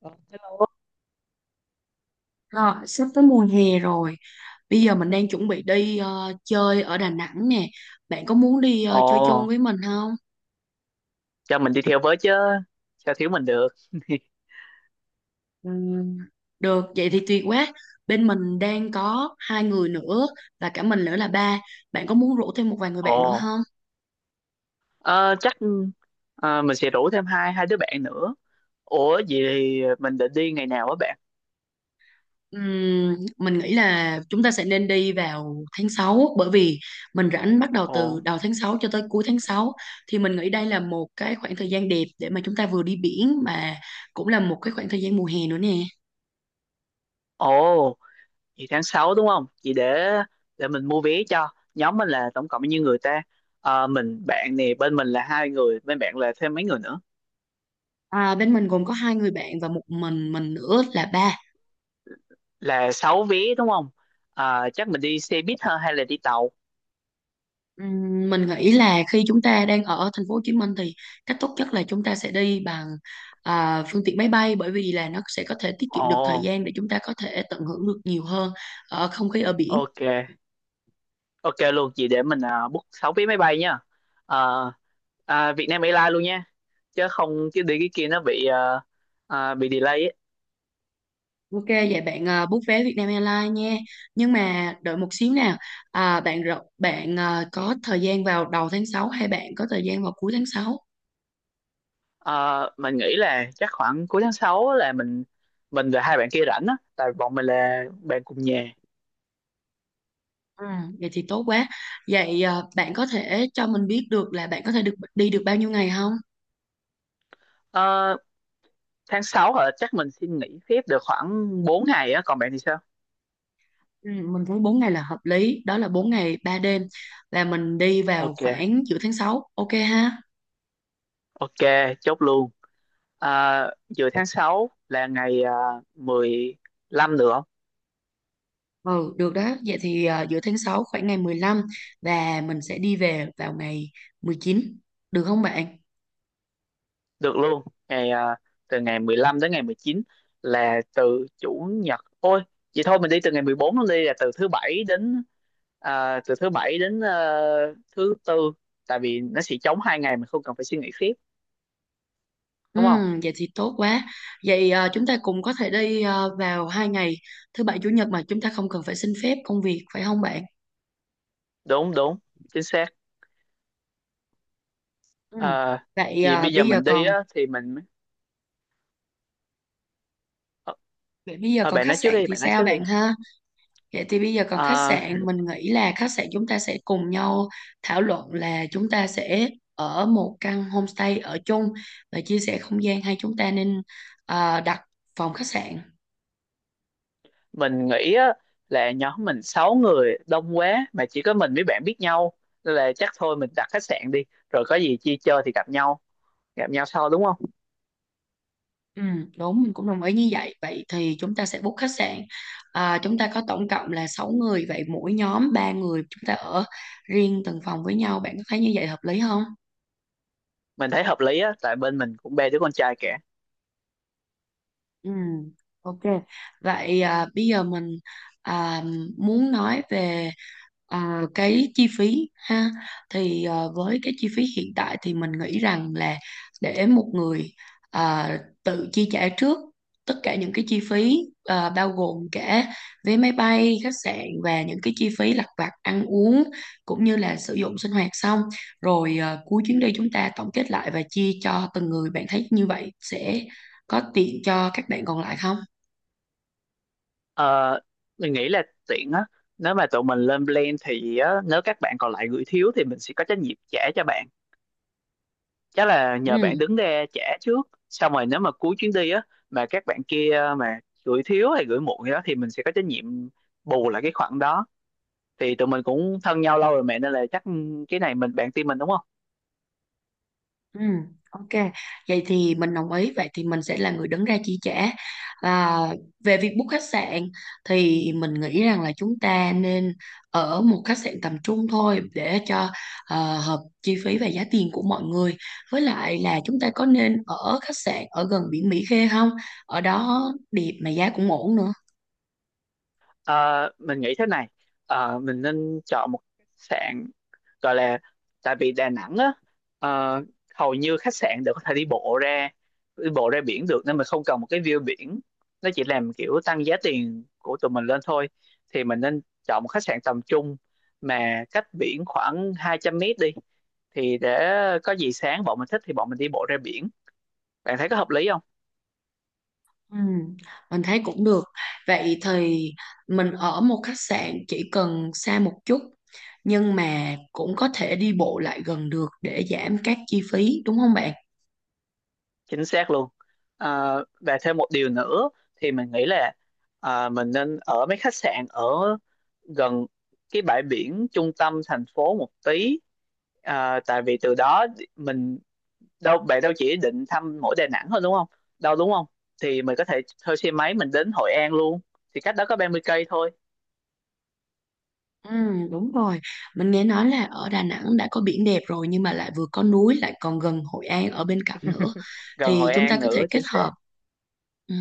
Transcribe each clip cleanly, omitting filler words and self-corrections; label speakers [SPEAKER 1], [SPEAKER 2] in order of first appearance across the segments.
[SPEAKER 1] Ờ, Hello.
[SPEAKER 2] Rồi, sắp tới mùa hè rồi. Bây giờ mình đang chuẩn bị đi chơi ở Đà Nẵng nè. Bạn có muốn đi
[SPEAKER 1] Ồ,
[SPEAKER 2] chơi chung với mình không?
[SPEAKER 1] cho mình đi theo với chứ, sao thiếu mình được.
[SPEAKER 2] Ừm, được, vậy thì tuyệt quá. Bên mình đang có 2 người nữa và cả mình nữa là ba. Bạn có muốn rủ thêm một vài người bạn nữa
[SPEAKER 1] Ồ,
[SPEAKER 2] không?
[SPEAKER 1] ờ, chắc mình sẽ rủ thêm hai hai đứa bạn nữa. Ủa vậy thì mình định đi ngày nào á bạn?
[SPEAKER 2] Mình nghĩ là chúng ta sẽ nên đi vào tháng 6, bởi vì mình rảnh bắt đầu từ
[SPEAKER 1] Ồ,
[SPEAKER 2] đầu tháng 6 cho tới cuối tháng 6. Thì mình nghĩ đây là một cái khoảng thời gian đẹp để mà chúng ta vừa đi biển mà cũng là một cái khoảng thời gian mùa hè nữa nè.
[SPEAKER 1] ồ, vậy tháng sáu đúng không? Vậy để mình mua vé cho. Nhóm mình là tổng cộng bao nhiêu người ta? Mình bạn nè, bên mình là hai người, bên bạn là thêm mấy người nữa.
[SPEAKER 2] À, bên mình gồm có 2 người bạn và một mình nữa là ba.
[SPEAKER 1] Là 6 vé đúng không? Chắc mình đi xe buýt hơn hay là đi tàu?
[SPEAKER 2] Mình nghĩ là khi chúng ta đang ở thành phố Hồ Chí Minh thì cách tốt nhất là chúng ta sẽ đi bằng à, phương tiện máy bay bởi vì là nó sẽ có thể tiết kiệm được thời
[SPEAKER 1] Ồ,
[SPEAKER 2] gian để chúng ta có thể tận hưởng được nhiều hơn ở không khí ở biển.
[SPEAKER 1] ok. Ok luôn chị, để mình book 6 vé máy bay nha. Ờ, Vietnam Airlines luôn nha. Chứ không, chứ đi cái kia nó bị bị delay ấy.
[SPEAKER 2] Ok, vậy bạn à, book vé Vietnam Airlines nha. Nhưng mà đợi một xíu nào. À, bạn à, có thời gian vào đầu tháng 6 hay bạn có thời gian vào cuối tháng 6?
[SPEAKER 1] Ờ, mình nghĩ là chắc khoảng cuối tháng 6 là mình và hai bạn kia rảnh á, tại bọn mình là bạn cùng nhà.
[SPEAKER 2] Ừ, vậy thì tốt quá. Vậy à, bạn có thể cho mình biết được là bạn có thể được đi được bao nhiêu ngày không?
[SPEAKER 1] Ờ, tháng 6 hả? Chắc mình xin nghỉ phép được khoảng 4 ngày á, còn bạn thì sao?
[SPEAKER 2] Ừ, mình thấy 4 ngày là hợp lý, đó là 4 ngày 3 đêm, là mình đi vào
[SPEAKER 1] Ok,
[SPEAKER 2] khoảng giữa tháng 6, ok ha?
[SPEAKER 1] ok, chốt luôn. À, giữa tháng 6 là ngày 15 nữa.
[SPEAKER 2] Ừ, được đó. Vậy thì à, giữa tháng 6 khoảng ngày 15 và mình sẽ đi về vào ngày 19, được không bạn?
[SPEAKER 1] Được luôn. Ngày à, từ ngày 15 đến ngày 19 là từ chủ nhật. Ôi, vậy thôi mình đi từ ngày 14 luôn đi, là từ thứ bảy đến à, từ thứ bảy đến ờ, thứ tư, tại vì nó sẽ trống hai ngày, mình không cần phải suy nghĩ tiếp,
[SPEAKER 2] Ừ,
[SPEAKER 1] đúng không?
[SPEAKER 2] vậy thì tốt quá. Vậy à, chúng ta cùng có thể đi à, vào 2 ngày thứ bảy chủ nhật mà chúng ta không cần phải xin phép công việc phải không bạn?
[SPEAKER 1] Đúng đúng, chính xác.
[SPEAKER 2] Ừ.
[SPEAKER 1] Ờ,
[SPEAKER 2] Vậy
[SPEAKER 1] vì
[SPEAKER 2] à,
[SPEAKER 1] bây giờ
[SPEAKER 2] bây giờ
[SPEAKER 1] mình đi
[SPEAKER 2] còn
[SPEAKER 1] á thì mình, ờ,
[SPEAKER 2] Vậy bây giờ còn
[SPEAKER 1] bạn
[SPEAKER 2] khách
[SPEAKER 1] nói trước
[SPEAKER 2] sạn
[SPEAKER 1] đi,
[SPEAKER 2] thì
[SPEAKER 1] bạn nói
[SPEAKER 2] sao
[SPEAKER 1] trước đi.
[SPEAKER 2] bạn ha? Vậy thì bây giờ còn khách
[SPEAKER 1] Ờ,
[SPEAKER 2] sạn, mình nghĩ là khách sạn chúng ta sẽ cùng nhau thảo luận là chúng ta sẽ ở một căn homestay ở chung và chia sẻ không gian, hay chúng ta nên à, đặt phòng khách sạn.
[SPEAKER 1] mình nghĩ á, là nhóm mình 6 người đông quá mà chỉ có mình với bạn biết nhau, nên là chắc thôi mình đặt khách sạn đi, rồi có gì chia chơi thì gặp nhau sau, đúng không?
[SPEAKER 2] Ừ, đúng, mình cũng đồng ý như vậy. Vậy thì chúng ta sẽ book khách sạn. À, chúng ta có tổng cộng là 6 người, vậy mỗi nhóm 3 người chúng ta ở riêng từng phòng với nhau. Bạn có thấy như vậy hợp lý không?
[SPEAKER 1] Mình thấy hợp lý á, tại bên mình cũng ba đứa con trai cả.
[SPEAKER 2] Ừ, ok. Vậy à, bây giờ mình à, muốn nói về à, cái chi phí ha. Thì à, với cái chi phí hiện tại thì mình nghĩ rằng là để một người à, tự chi trả trước tất cả những cái chi phí, à, bao gồm cả vé máy bay, khách sạn và những cái chi phí lặt vặt ăn uống cũng như là sử dụng sinh hoạt, xong rồi à, cuối chuyến đi chúng ta tổng kết lại và chia cho từng người. Bạn thấy như vậy sẽ có tiện cho các bạn còn lại không?
[SPEAKER 1] ờ, mình nghĩ là tiện á, nếu mà tụi mình lên plan thì á, nếu các bạn còn lại gửi thiếu thì mình sẽ có trách nhiệm trả cho bạn. Chắc là nhờ bạn
[SPEAKER 2] Ừ,
[SPEAKER 1] đứng ra trả trước, xong rồi nếu mà cuối chuyến đi á mà các bạn kia mà gửi thiếu hay gửi muộn gì đó thì mình sẽ có trách nhiệm bù lại cái khoản đó. Thì tụi mình cũng thân nhau lâu rồi mẹ, nên là chắc cái này mình bạn tin mình, đúng không?
[SPEAKER 2] ừ, ok, vậy thì mình đồng ý. Vậy thì mình sẽ là người đứng ra chi trả. Và về việc book khách sạn, thì mình nghĩ rằng là chúng ta nên ở một khách sạn tầm trung thôi để cho hợp chi phí và giá tiền của mọi người. Với lại là chúng ta có nên ở khách sạn ở gần biển Mỹ Khê không? Ở đó đẹp mà giá cũng ổn nữa.
[SPEAKER 1] Ờ, mình nghĩ thế này. Mình nên chọn một khách sạn gọi là, tại vì Đà Nẵng á, ờ, hầu như khách sạn đều có thể đi bộ ra biển được nên mình không cần một cái view biển, nó chỉ làm kiểu tăng giá tiền của tụi mình lên thôi. Thì mình nên chọn một khách sạn tầm trung mà cách biển khoảng 200 mét đi, thì để có gì sáng bọn mình thích thì bọn mình đi bộ ra biển, bạn thấy có hợp lý?
[SPEAKER 2] Ừ, mình thấy cũng được. Vậy thì mình ở một khách sạn chỉ cần xa một chút nhưng mà cũng có thể đi bộ lại gần được để giảm các chi phí, đúng không bạn?
[SPEAKER 1] Chính xác luôn. Và thêm một điều nữa, thì mình nghĩ là mình nên ở mấy khách sạn ở gần cái bãi biển trung tâm thành phố một tí, tại vì từ đó mình, đâu bạn đâu chỉ định thăm mỗi Đà Nẵng thôi đúng không, đâu đúng không? Thì mình có thể thuê xe máy mình đến Hội An luôn, thì cách đó có 30 cây thôi.
[SPEAKER 2] Ừ, đúng rồi. Mình nghe nói là ở Đà Nẵng đã có biển đẹp rồi nhưng mà lại vừa có núi, lại còn gần Hội An ở bên cạnh nữa,
[SPEAKER 1] Gần
[SPEAKER 2] thì
[SPEAKER 1] Hội
[SPEAKER 2] chúng ta
[SPEAKER 1] An
[SPEAKER 2] có thể
[SPEAKER 1] nữa,
[SPEAKER 2] kết
[SPEAKER 1] chính xác.
[SPEAKER 2] hợp. Ừ.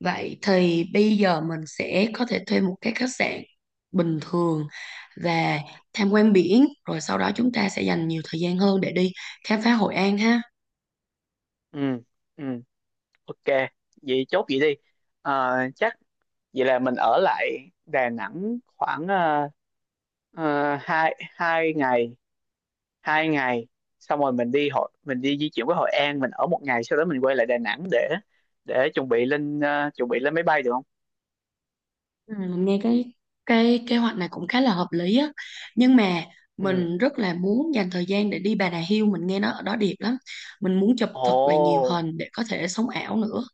[SPEAKER 2] Vậy thì bây giờ mình sẽ có thể thuê một cái khách sạn bình thường và tham quan biển, rồi sau đó chúng ta sẽ
[SPEAKER 1] Ừ,
[SPEAKER 2] dành nhiều thời gian hơn để đi khám phá Hội An ha.
[SPEAKER 1] ừ, ừ, ok. Vậy chốt vậy đi, à, chắc vậy là mình ở lại Đà Nẵng khoảng à, Ờ, hai hai ngày Xong rồi mình đi di chuyển qua Hội An, mình ở một ngày, sau đó mình quay lại Đà Nẵng để chuẩn bị lên máy bay được không?
[SPEAKER 2] Ừ, mình nghe cái kế hoạch này cũng khá là hợp lý á. Nhưng mà
[SPEAKER 1] Ừ,
[SPEAKER 2] mình rất là muốn dành thời gian để đi Bà Nà Hills, mình nghe nó ở đó đẹp lắm. Mình muốn chụp
[SPEAKER 1] ồ,
[SPEAKER 2] thật là nhiều hình để có thể sống ảo nữa.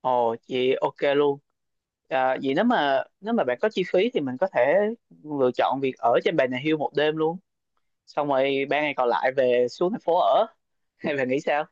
[SPEAKER 1] ồ chị, ok luôn. Vậy nếu mà bạn có chi phí thì mình có thể lựa chọn việc ở trên Bà Nà Hills một đêm luôn, xong rồi ba ngày còn lại về xuống thành phố ở. Hay bạn nghĩ sao?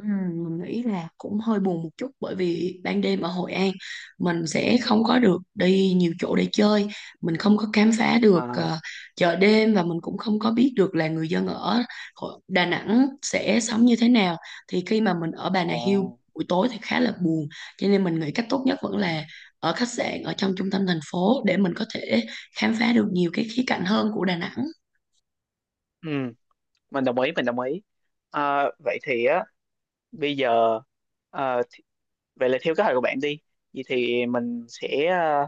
[SPEAKER 2] Ừ, mình nghĩ là cũng hơi buồn một chút bởi vì ban đêm ở Hội An mình sẽ không có được đi nhiều chỗ để chơi, mình không có khám phá được
[SPEAKER 1] À,
[SPEAKER 2] chợ đêm, và mình cũng không có biết được là người dân ở Đà Nẵng sẽ sống như thế nào. Thì khi mà mình ở Bà Nà
[SPEAKER 1] ồ,
[SPEAKER 2] Hills buổi tối thì khá là buồn, cho nên mình nghĩ cách tốt nhất vẫn
[SPEAKER 1] ừ,
[SPEAKER 2] là ở khách sạn ở trong trung tâm thành phố để mình có thể khám phá được nhiều cái khía cạnh hơn của Đà Nẵng.
[SPEAKER 1] ừ, mình đồng ý mình đồng ý. Vậy thì á, bây giờ, ờ, vậy là theo kế hoạch của bạn đi, vậy thì mình sẽ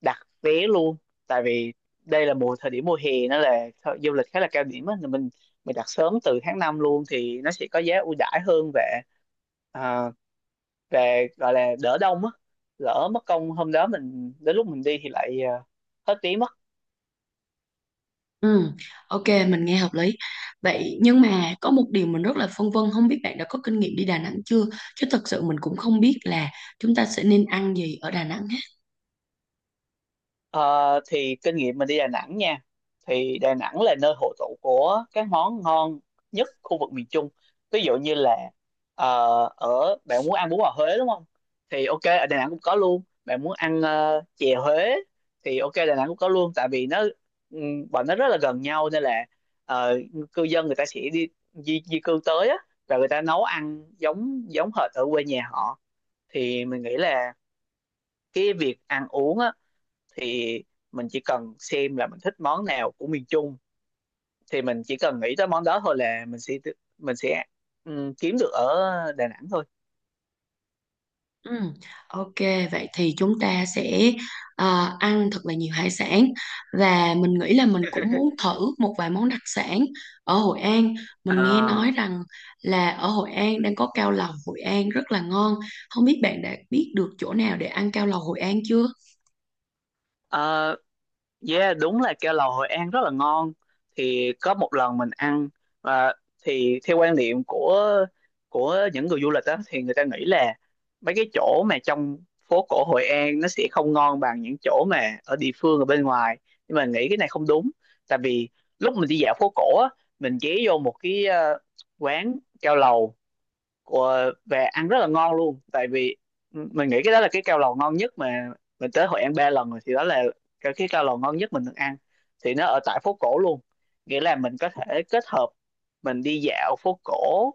[SPEAKER 1] đặt vé luôn, tại vì đây là thời điểm mùa hè, nó là du lịch khá là cao điểm á, nên mình đặt sớm từ tháng 5 luôn thì nó sẽ có giá ưu đãi hơn, và à, về gọi là đỡ đông á, lỡ mất công hôm đó mình đến lúc mình đi thì lại hết vé mất.
[SPEAKER 2] Ừ, ok, mình nghe hợp lý. Vậy nhưng mà có một điều mình rất là phân vân, không biết bạn đã có kinh nghiệm đi Đà Nẵng chưa? Chứ thật sự mình cũng không biết là chúng ta sẽ nên ăn gì ở Đà Nẵng hết.
[SPEAKER 1] Ờ, thì kinh nghiệm mình đi Đà Nẵng nha, thì Đà Nẵng là nơi hội tụ của các món ngon nhất khu vực miền Trung, ví dụ như là ờ, ở bạn muốn ăn bún bò Huế đúng không, thì ok, ở Đà Nẵng cũng có luôn, bạn muốn ăn chè Huế thì ok, Đà Nẵng cũng có luôn, tại vì nó bọn nó rất là gần nhau, nên là ờ, cư dân người ta sẽ đi di cư tới á, và người ta nấu ăn giống giống hệt ở quê nhà họ. Thì mình nghĩ là cái việc ăn uống á, thì mình chỉ cần xem là mình thích món nào của miền Trung, thì mình chỉ cần nghĩ tới món đó thôi là mình sẽ kiếm được ở Đà Nẵng thôi.
[SPEAKER 2] Ừ, ok, vậy thì chúng ta sẽ ăn thật là nhiều hải sản và mình nghĩ là mình cũng muốn thử một vài món đặc sản ở Hội An. Mình nghe nói rằng là ở Hội An đang có cao lầu Hội An rất là ngon. Không biết bạn đã biết được chỗ nào để ăn cao lầu Hội An chưa?
[SPEAKER 1] À, yeah, đúng là keo lầu Hội An rất là ngon. Thì có một lần mình ăn, và thì theo quan niệm của những người du lịch á thì người ta nghĩ là mấy cái chỗ mà trong phố cổ Hội An nó sẽ không ngon bằng những chỗ mà ở địa phương ở bên ngoài. Nhưng mà nghĩ cái này không đúng. Tại vì lúc mình đi dạo phố cổ á, mình ghé vô một cái quán keo lầu của về ăn rất là ngon luôn, tại vì mình nghĩ cái đó là cái cao lầu ngon nhất, mà mình tới Hội An ba lần rồi thì đó là cái cao lầu ngon nhất mình được ăn, thì nó ở tại phố cổ luôn, nghĩa là mình có thể kết hợp mình đi dạo phố cổ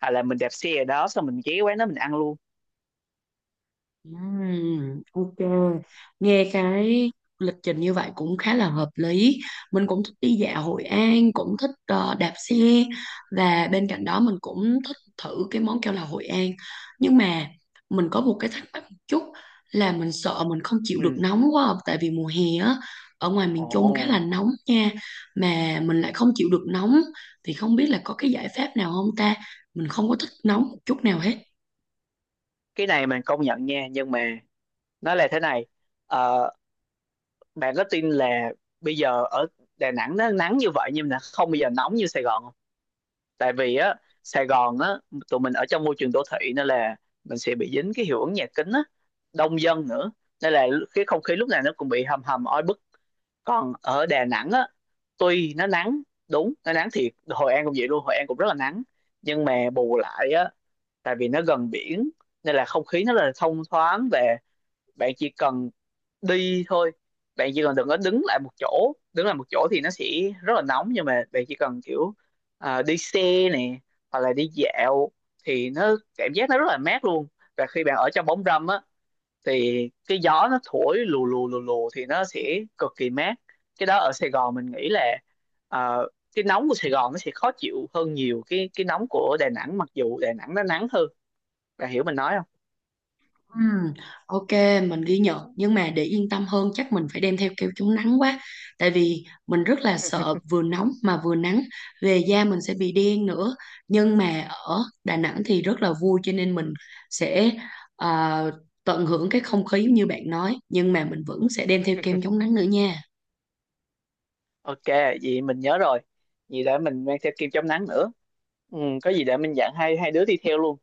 [SPEAKER 1] hay là mình đạp xe ở đó xong mình ghé quán đó mình ăn luôn.
[SPEAKER 2] Ok, nghe cái lịch trình như vậy cũng khá là hợp lý. Mình cũng thích đi dạo Hội An, cũng thích đạp xe, và bên cạnh đó mình cũng thích thử cái món keo là Hội An. Nhưng mà mình có một cái thắc mắc một chút, là mình sợ mình không chịu được
[SPEAKER 1] Ừ,
[SPEAKER 2] nóng quá, à, tại vì mùa hè á, ở ngoài
[SPEAKER 1] ồ,
[SPEAKER 2] miền Trung khá là nóng nha, mà mình lại không chịu được nóng, thì không biết là có cái giải pháp nào không ta? Mình không có thích nóng một chút nào hết.
[SPEAKER 1] cái này mình công nhận nha, nhưng mà nó là thế này. Ờ, bạn có tin là bây giờ ở Đà Nẵng nó nắng như vậy nhưng mà không bao giờ nóng như Sài Gòn. Tại vì á, Sài Gòn á, tụi mình ở trong môi trường đô thị nên là mình sẽ bị dính cái hiệu ứng nhà kính á, đông dân nữa, nên là cái không khí lúc nào nó cũng bị hầm hầm oi bức. Còn ở Đà Nẵng á, tuy nó nắng, đúng nó nắng thiệt, Hội An cũng vậy luôn, Hội An cũng rất là nắng, nhưng mà bù lại á, tại vì nó gần biển nên là không khí nó là thông thoáng về, bạn chỉ cần đi thôi, bạn chỉ cần đừng có đứng lại một chỗ, đứng lại một chỗ thì nó sẽ rất là nóng, nhưng mà bạn chỉ cần kiểu đi xe nè, hoặc là đi dạo thì nó cảm giác nó rất là mát luôn, và khi bạn ở trong bóng râm á thì cái gió nó thổi lù lù lù lù thì nó sẽ cực kỳ mát. Cái đó ở Sài Gòn mình nghĩ là, ờ, cái nóng của Sài Gòn nó sẽ khó chịu hơn nhiều cái nóng của Đà Nẵng, mặc dù Đà Nẵng nó nắng hơn, bạn hiểu mình nói không?
[SPEAKER 2] Ừm, ok, mình ghi nhận, nhưng mà để yên tâm hơn chắc mình phải đem theo kem chống nắng quá. Tại vì mình rất là sợ vừa nóng mà vừa nắng, về da mình sẽ bị đen nữa. Nhưng mà ở Đà Nẵng thì rất là vui, cho nên mình sẽ à, tận hưởng cái không khí như bạn nói, nhưng mà mình vẫn sẽ đem theo kem chống nắng nữa nha.
[SPEAKER 1] Ok, vậy mình nhớ rồi, vậy để mình mang theo kem chống nắng nữa. Ừ, có gì để mình dặn hai hai đứa đi theo luôn.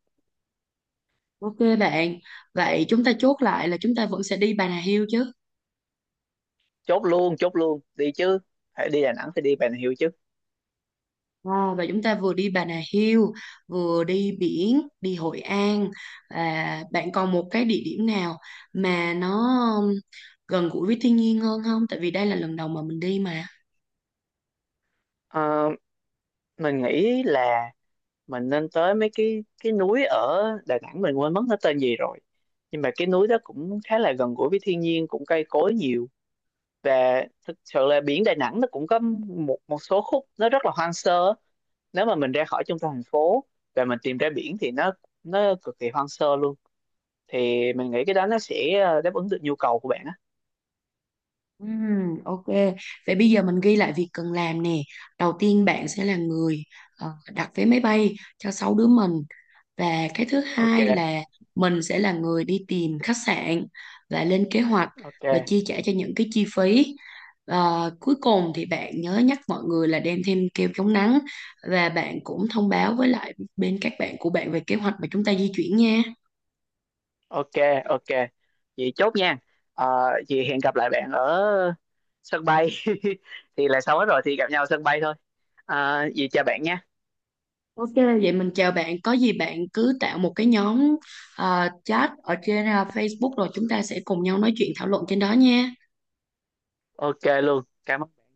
[SPEAKER 2] Ok bạn, vậy chúng ta chốt lại là chúng ta vẫn sẽ đi Bà Nà Hills chứ?
[SPEAKER 1] Chốt luôn, chốt luôn đi chứ, phải đi Đà Nẵng thì đi Bà Nà Hills chứ.
[SPEAKER 2] À, và chúng ta vừa đi Bà Nà Hills, vừa đi biển, đi Hội An. À, bạn còn một cái địa điểm nào mà nó um, gần gũi với thiên nhiên hơn không? Tại vì đây là lần đầu mà mình đi mà.
[SPEAKER 1] Ờ, mình nghĩ là mình nên tới mấy cái núi ở Đà Nẵng, mình quên mất nó tên gì rồi, nhưng mà cái núi đó cũng khá là gần gũi với thiên nhiên, cũng cây cối nhiều, và thực sự là biển Đà Nẵng nó cũng có một một số khúc nó rất là hoang sơ, nếu mà mình ra khỏi trung tâm thành phố và mình tìm ra biển thì nó cực kỳ hoang sơ luôn, thì mình nghĩ cái đó nó sẽ đáp ứng được nhu cầu của bạn á.
[SPEAKER 2] Ok. Vậy bây giờ mình ghi lại việc cần làm nè. Đầu tiên bạn sẽ là người ờ, đặt vé máy bay cho 6 đứa mình. Và cái thứ
[SPEAKER 1] Ok,
[SPEAKER 2] hai là mình sẽ là người đi tìm khách sạn và lên kế hoạch và
[SPEAKER 1] ok,
[SPEAKER 2] chi trả cho những cái chi phí. Ờ, cuối cùng thì bạn nhớ nhắc mọi người là đem thêm kem chống nắng, và bạn cũng thông báo với lại bên các bạn của bạn về kế hoạch mà chúng ta di chuyển nha.
[SPEAKER 1] ok, ok, vậy chốt nha. Vậy hẹn gặp lại bạn ở sân bay. Thì là xong hết rồi thì gặp nhau ở sân bay thôi, vậy chào bạn nha.
[SPEAKER 2] Ok, vậy mình chào bạn. Có gì bạn cứ tạo một cái nhóm chat ở trên Facebook rồi chúng ta sẽ cùng nhau nói chuyện thảo luận trên đó nha.
[SPEAKER 1] Ok luôn, cảm ơn.